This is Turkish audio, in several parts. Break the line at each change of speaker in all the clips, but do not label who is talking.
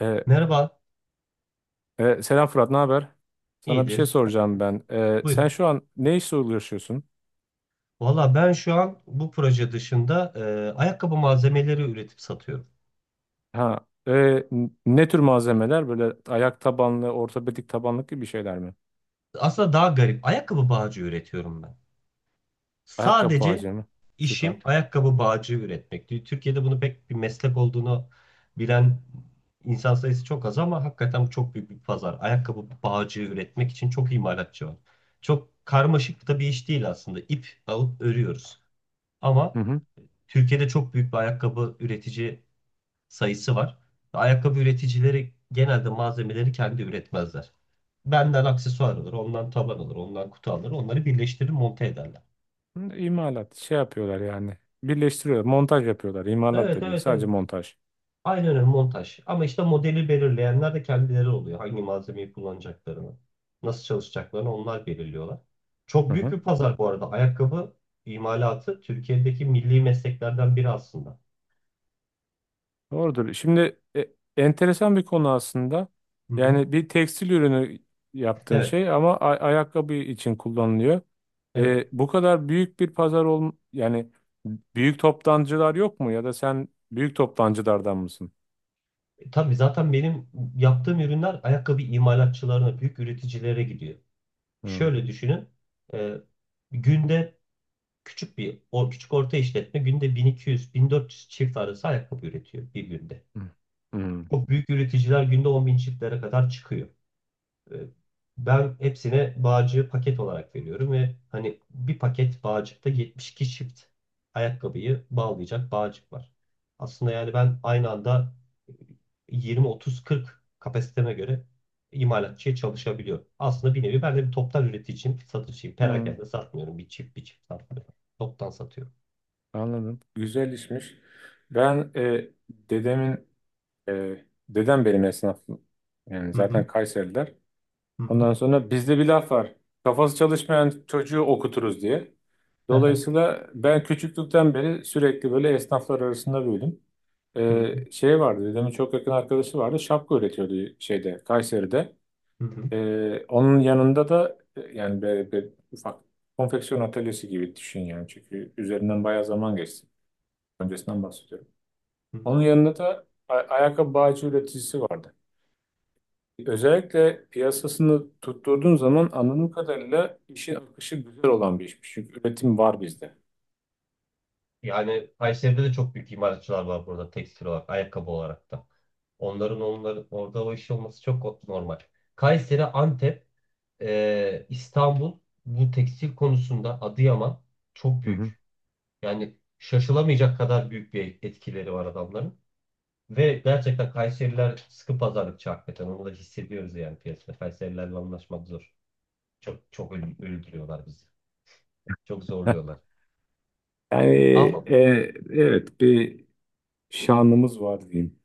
E,
Merhaba,
Selam Fırat, ne haber? Sana bir şey
iyidir.
soracağım ben.
Buyur.
Sen şu an ne işle uğraşıyorsun?
Valla ben şu an bu proje dışında ayakkabı malzemeleri üretip satıyorum.
Ha, ne tür malzemeler? Böyle ayak tabanlı, ortopedik tabanlık gibi şeyler mi?
Aslında daha garip. Ayakkabı bağcı üretiyorum ben.
Ayakkabı
Sadece
bağcığı mı? Süper.
işim ayakkabı bağcı üretmek. Türkiye'de bunu pek bir meslek olduğunu bilen insan sayısı çok az ama hakikaten bu çok büyük bir pazar. Ayakkabı bağcı üretmek için çok imalatçı var. Çok karmaşık da bir iş değil aslında. İp alıp örüyoruz.
Hı
Ama
hı.
Türkiye'de çok büyük bir ayakkabı üretici sayısı var. Ayakkabı üreticileri genelde malzemeleri kendi üretmezler. Benden aksesuar alır, ondan taban alır, ondan kutu alır. Onları birleştirir, monte ederler.
Hı, İmalat, şey yapıyorlar yani. Birleştiriyorlar, montaj yapıyorlar. İmalat
Evet,
da değil,
evet, evet.
sadece montaj.
Aynen öyle montaj. Ama işte modeli belirleyenler de kendileri oluyor. Hangi malzemeyi kullanacaklarını, nasıl çalışacaklarını onlar belirliyorlar. Çok büyük bir pazar bu arada. Ayakkabı imalatı Türkiye'deki milli mesleklerden biri aslında.
Doğrudur. Şimdi enteresan bir konu aslında.
Hı hı.
Yani bir tekstil ürünü yaptığın
Evet,
şey ama ayakkabı için kullanılıyor.
evet.
Bu kadar büyük bir pazar ol yani büyük toptancılar yok mu ya da sen büyük toptancılardan mısın?
Tabii zaten benim yaptığım ürünler ayakkabı imalatçılarına, büyük üreticilere gidiyor.
Hmm.
Şöyle düşünün. e, günde küçük bir o küçük orta işletme günde 1200-1400 çift arası ayakkabı üretiyor bir günde.
Hmm. Hmm.
O büyük üreticiler günde 10.000 çiftlere kadar çıkıyor. E, Ben hepsine bağcığı paket olarak veriyorum ve hani bir paket bağcıkta 72 çift ayakkabıyı bağlayacak bağcık var. Aslında yani ben aynı anda 20-30-40 kapasiteme göre imalatçıya çalışabiliyorum. Aslında bir nevi ben de bir toptan üreticiyim, satışçıyım.
Hmm.
Perakende satmıyorum. Bir çift satmıyorum. Toptan satıyorum.
Anladım. Güzel işmiş. Ben dedem benim esnaf yani
Hı hı.
zaten Kayseriler.
Hı hı.
Ondan sonra bizde bir laf var. Kafası çalışmayan çocuğu okuturuz diye. Dolayısıyla ben küçüklükten beri sürekli böyle esnaflar arasında büyüdüm.
Hı hı.
Şey vardı, dedemin çok yakın arkadaşı vardı. Şapka üretiyordu şeyde, Kayseri'de.
Hı hı.
Onun yanında da yani böyle bir ufak konfeksiyon atölyesi gibi düşün yani. Çünkü üzerinden bayağı zaman geçti. Öncesinden bahsediyorum.
Hı hı.
Onun yanında da ayakkabı bağcı üreticisi vardı. Özellikle piyasasını tutturduğun zaman anladığım kadarıyla işin akışı güzel olan bir işmiş. Çünkü üretim var bizde.
Yani Kayseri'de de çok büyük imalatçılar var burada tekstil olarak, ayakkabı olarak da. Onların orada o iş olması çok normal. Kayseri, Antep, İstanbul bu tekstil konusunda Adıyaman çok
Hı hı.
büyük. Yani şaşılamayacak kadar büyük bir etkileri var adamların. Ve gerçekten Kayseriler sıkı pazarlıkçı hakikaten. Onu da hissediyoruz yani piyasada. Kayserilerle anlaşmak zor. Çok çok öldürüyorlar bizi. Çok
Heh.
zorluyorlar.
Yani
Ama
evet bir şanımız var diyeyim.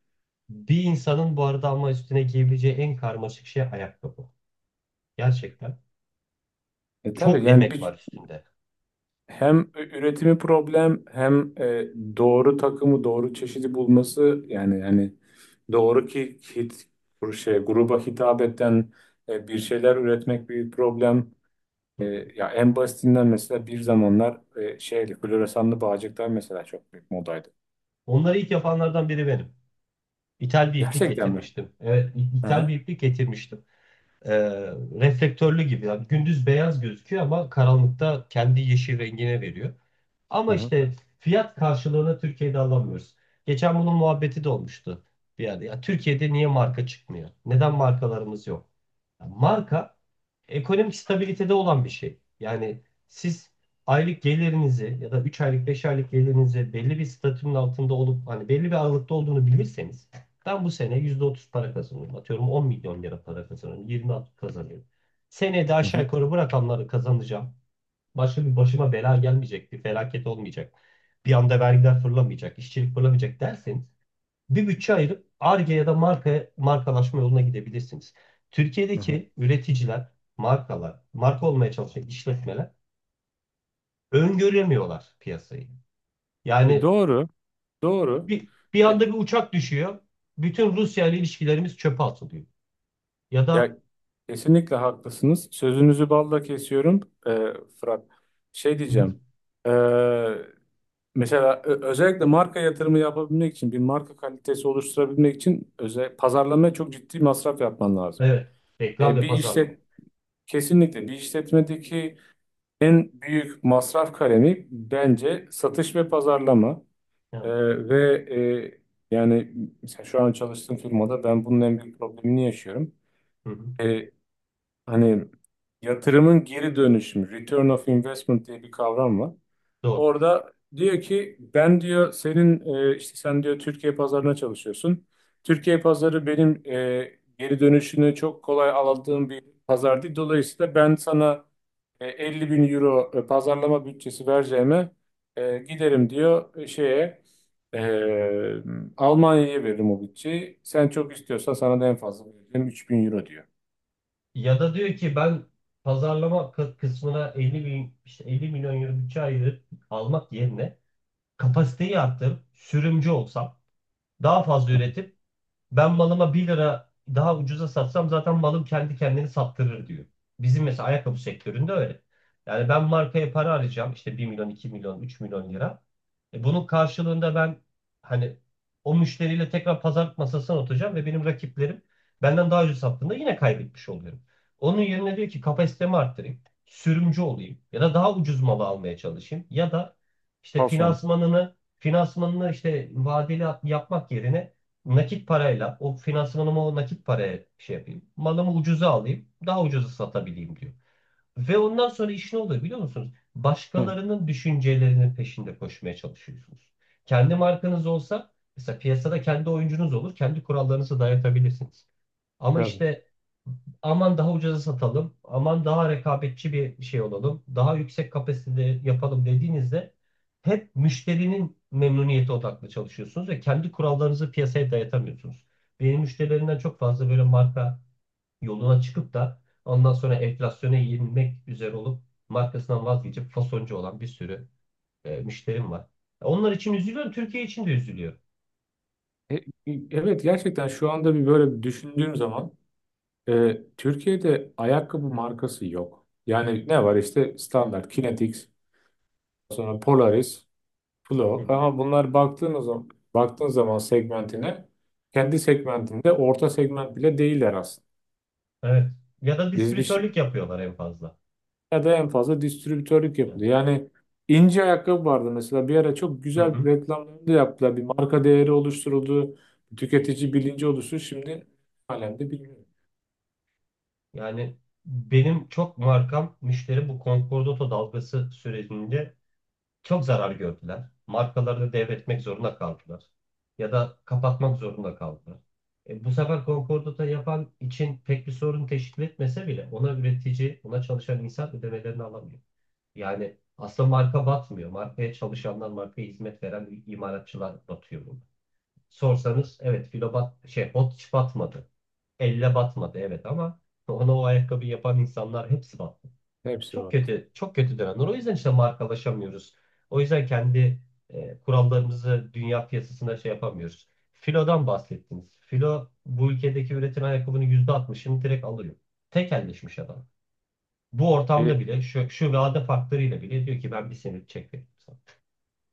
Bir insanın bu arada ama üstüne giyebileceği en karmaşık şey ayakkabı. Gerçekten.
Tabii
Çok
yani
emek var
bir
üstünde.
hem üretimi problem hem doğru takımı doğru çeşidi bulması yani hani doğru ki hit bu şey gruba hitap eden bir şeyler üretmek bir problem.
Hı
E,
hı.
Ya en basitinden mesela bir zamanlar şeyli floresanlı bağcıklar mesela çok büyük modaydı.
Onları ilk yapanlardan biri benim. İthal bir iplik
Gerçekten mi?
getirmiştim. Evet, ithal bir
Aha,
iplik getirmiştim. e, Reflektörlü gibi. Yani gündüz beyaz gözüküyor ama karanlıkta kendi yeşil rengine veriyor. Ama
aha,
işte fiyat karşılığını Türkiye'de alamıyoruz. Geçen bunun muhabbeti de olmuştu bir yerde. Ya Türkiye'de niye marka çıkmıyor? Neden markalarımız yok? Marka ekonomik stabilitede olan bir şey. Yani siz aylık gelirinizi ya da 3 aylık 5 aylık gelirinizi belli bir statünün altında olup hani belli bir aralıkta olduğunu bilirseniz ben bu sene %30 para kazanıyorum. Atıyorum 10.000.000 lira para kazanıyorum. 20 kazanıyorum. Seneye de aşağı
aha,
yukarı bu rakamları kazanacağım. Başka bir başıma bela gelmeyecek. Bir felaket olmayacak. Bir anda vergiler fırlamayacak. İşçilik fırlamayacak derseniz bir bütçe ayırıp Ar-Ge ya da marka, markalaşma yoluna gidebilirsiniz.
aha.
Türkiye'deki üreticiler, markalar, marka olmaya çalışan işletmeler öngöremiyorlar piyasayı.
E,
Yani
doğru, doğru.
bir anda bir uçak düşüyor. Bütün Rusya ile ilişkilerimiz çöpe atılıyor. Ya da
Ya kesinlikle haklısınız. Sözünüzü balla kesiyorum e, Fırat. Şey
hı hı.
diyeceğim. e, mesela özellikle marka yatırımı yapabilmek için bir marka kalitesi oluşturabilmek için özel pazarlamaya çok ciddi masraf yapman lazım.
Evet, reklam
E,
ve
bir işlet
pazarlama.
kesinlikle bir işletmedeki en büyük masraf kalemi bence satış ve pazarlama. E,
Yani,
Ve yani mesela şu an çalıştığım firmada ben bunun en büyük problemini yaşıyorum.
hı hı,
Hani yatırımın geri dönüşümü, return of investment diye bir kavram var.
doğru.
Orada diyor ki ben diyor senin işte sen diyor Türkiye pazarına çalışıyorsun. Türkiye pazarı benim geri dönüşünü çok kolay aldığım bir pazar değil. Dolayısıyla ben sana 50 bin euro pazarlama bütçesi vereceğime giderim diyor şeye e, Almanya'ya veririm o bütçeyi. Sen çok istiyorsan sana da en fazla vereceğim 3.000 euro diyor.
Ya da diyor ki ben pazarlama kısmına 50 bin, işte 50 milyon euro bütçe ayırıp almak yerine kapasiteyi arttırıp sürümcü olsam daha fazla üretip ben malıma bir lira daha ucuza satsam zaten malım kendi kendini sattırır diyor. Bizim mesela ayakkabı sektöründe öyle. Yani ben markaya para arayacağım işte 1.000.000, 2.000.000, 3.000.000 lira. Bunun karşılığında ben hani o müşteriyle tekrar pazarlık masasına oturacağım ve benim rakiplerim benden daha ucuz sattığında yine kaybetmiş oluyorum. Onun yerine diyor ki kapasitemi arttırayım, sürümcü olayım ya da daha ucuz malı almaya çalışayım ya da işte
Fason.
finansmanını işte vadeli yapmak yerine nakit parayla o finansmanımı o nakit paraya şey yapayım. Malımı ucuza alayım, daha ucuza satabileyim diyor. Ve ondan sonra iş ne oluyor biliyor musunuz?
Hı.
Başkalarının düşüncelerinin peşinde koşmaya çalışıyorsunuz. Kendi markanız olsa mesela piyasada kendi oyuncunuz olur. Kendi kurallarınızı dayatabilirsiniz. Ama
Tabii.
işte aman daha ucuza satalım, aman daha rekabetçi bir şey olalım, daha yüksek kapasitede yapalım dediğinizde hep müşterinin memnuniyeti odaklı çalışıyorsunuz ve kendi kurallarınızı piyasaya dayatamıyorsunuz. Benim müşterilerimden çok fazla böyle marka yoluna çıkıp da ondan sonra enflasyona yenilmek üzere olup markasından vazgeçip fasoncu olan bir sürü müşterim var. Onlar için üzülüyorum, Türkiye için de üzülüyorum.
E, e, evet gerçekten şu anda bir böyle bir düşündüğüm zaman Türkiye'de ayakkabı markası yok. Yani ne var işte standart Kinetics, sonra Polaris,
Hı
Flow
hı.
ama bunlar baktığın zaman segmentine kendi segmentinde orta segment bile değiller aslında.
Evet. Ya da
Biz bir şey,
distribütörlük yapıyorlar en fazla.
ya da en fazla distribütörlük
Yani.
yapılıyor. Yani ince ayakkabı vardı mesela bir ara çok
Hı
güzel
hı.
reklamlarını da yaptılar. Bir marka değeri oluşturuldu, tüketici bilinci oluştu. Şimdi halen de bilmiyorum.
Yani benim çok markam müşteri bu Concordato dalgası sürecinde çok zarar gördüler. Markalarını devretmek zorunda kaldılar. Ya da kapatmak zorunda kaldılar. E, bu sefer Concordat'a yapan için pek bir sorun teşkil etmese bile ona üretici, ona çalışan insan ödemelerini alamıyor. Yani aslında marka batmıyor. Markaya çalışanlar, markaya hizmet veren imalatçılar batıyor burada. Sorsanız evet filo bat, şey bot hiç batmadı. Elle batmadı evet ama ona o ayakkabı yapan insanlar hepsi battı.
Hepsi
Çok
battı.
kötü, çok kötü dönemler. O yüzden işte markalaşamıyoruz. O yüzden kendi kurallarımızı dünya piyasasına şey yapamıyoruz. Filo'dan bahsettiniz. Filo bu ülkedeki üretilen ayakkabının %60'ını direkt alıyor. Tekelleşmiş adam. Bu ortamda
E,
bile şu vade faktörüyle bile diyor ki ben bir senelik çek veririm sana.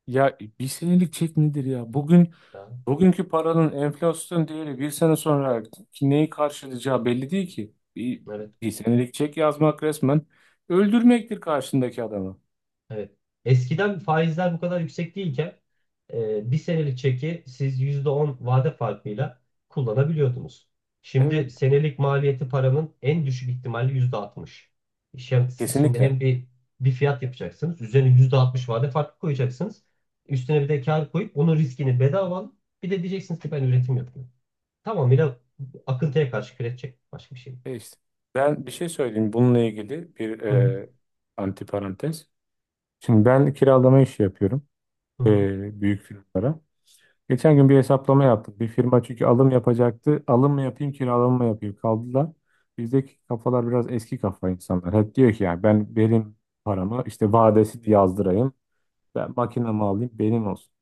Ya bir senelik çek nedir ya? Bugün
Ya,
bugünkü paranın enflasyon değeri bir sene sonra neyi karşılayacağı belli değil ki. Bir,
evet.
bir senelik çek yazmak resmen öldürmektir karşındaki adamı.
Evet. Eskiden faizler bu kadar yüksek değilken bir senelik çeki siz %10 vade farkıyla kullanabiliyordunuz.
Evet,
Şimdi senelik maliyeti paranın en düşük ihtimali %60. Şimdi, siz şimdi
kesinlikle.
hem bir fiyat yapacaksınız. Üzerine %60 vade farkı koyacaksınız. Üstüne bir de kar koyup onun riskini bedava alın. Bir de diyeceksiniz ki ben üretim yapıyorum. Tamamıyla akıntıya karşı kredi çek. Başka bir şey yok.
E işte, ben bir şey söyleyeyim bununla ilgili bir
Hı hı,
antiparantez. Şimdi ben kiralama işi yapıyorum
hı hı.
büyük firmalara. Geçen gün bir hesaplama yaptık. Bir firma çünkü alım yapacaktı. Alım mı yapayım, kiralama mı yapayım kaldılar. Bizdeki kafalar biraz eski kafa insanlar. Hep diyor ki yani ben benim paramı işte vadesi yazdırayım. Ben makinemi alayım benim olsun.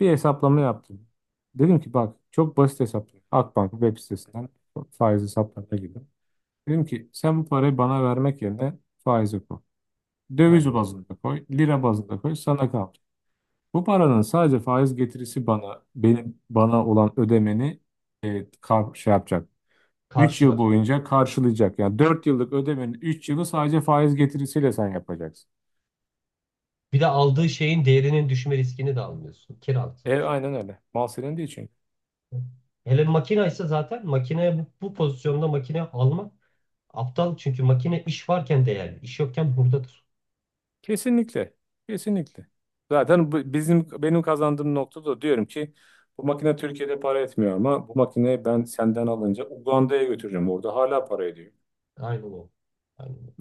Bir hesaplama yaptım. Dedim ki bak çok basit hesaplama. Akbank web sitesinden faiz hesaplarına girdim. Dedim ki sen bu parayı bana vermek yerine faize koy. Döviz
Aynen.
bazında koy, lira bazında koy, sana kal. Bu paranın sadece faiz getirisi benim bana olan ödemeni kar, şey yapacak. 3 yıl
Karşılar.
boyunca karşılayacak. Yani 4 yıllık ödemenin 3 yılı sadece faiz getirisiyle sen yapacaksın.
Bir de aldığı şeyin değerinin düşme riskini de almıyorsun. Kiralık
E
sonuçta.
aynen öyle. Mal senin değil çünkü.
Hele makine ise zaten makine bu pozisyonda makine almak aptal. Çünkü makine iş varken değerli. İş yokken hurdadır.
Kesinlikle. Kesinlikle. Zaten bu- bizim benim kazandığım noktada diyorum ki bu makine Türkiye'de para etmiyor ama bu makineyi ben senden alınca Uganda'ya götüreceğim. Orada hala para ediyor.
Aynen o. Aynen o.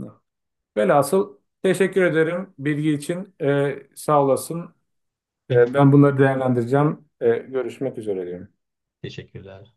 Velhasıl teşekkür ederim bilgi için. Sağ olasın.
Peki.
Ben bunları değerlendireceğim. Görüşmek üzere diyorum.
Teşekkürler.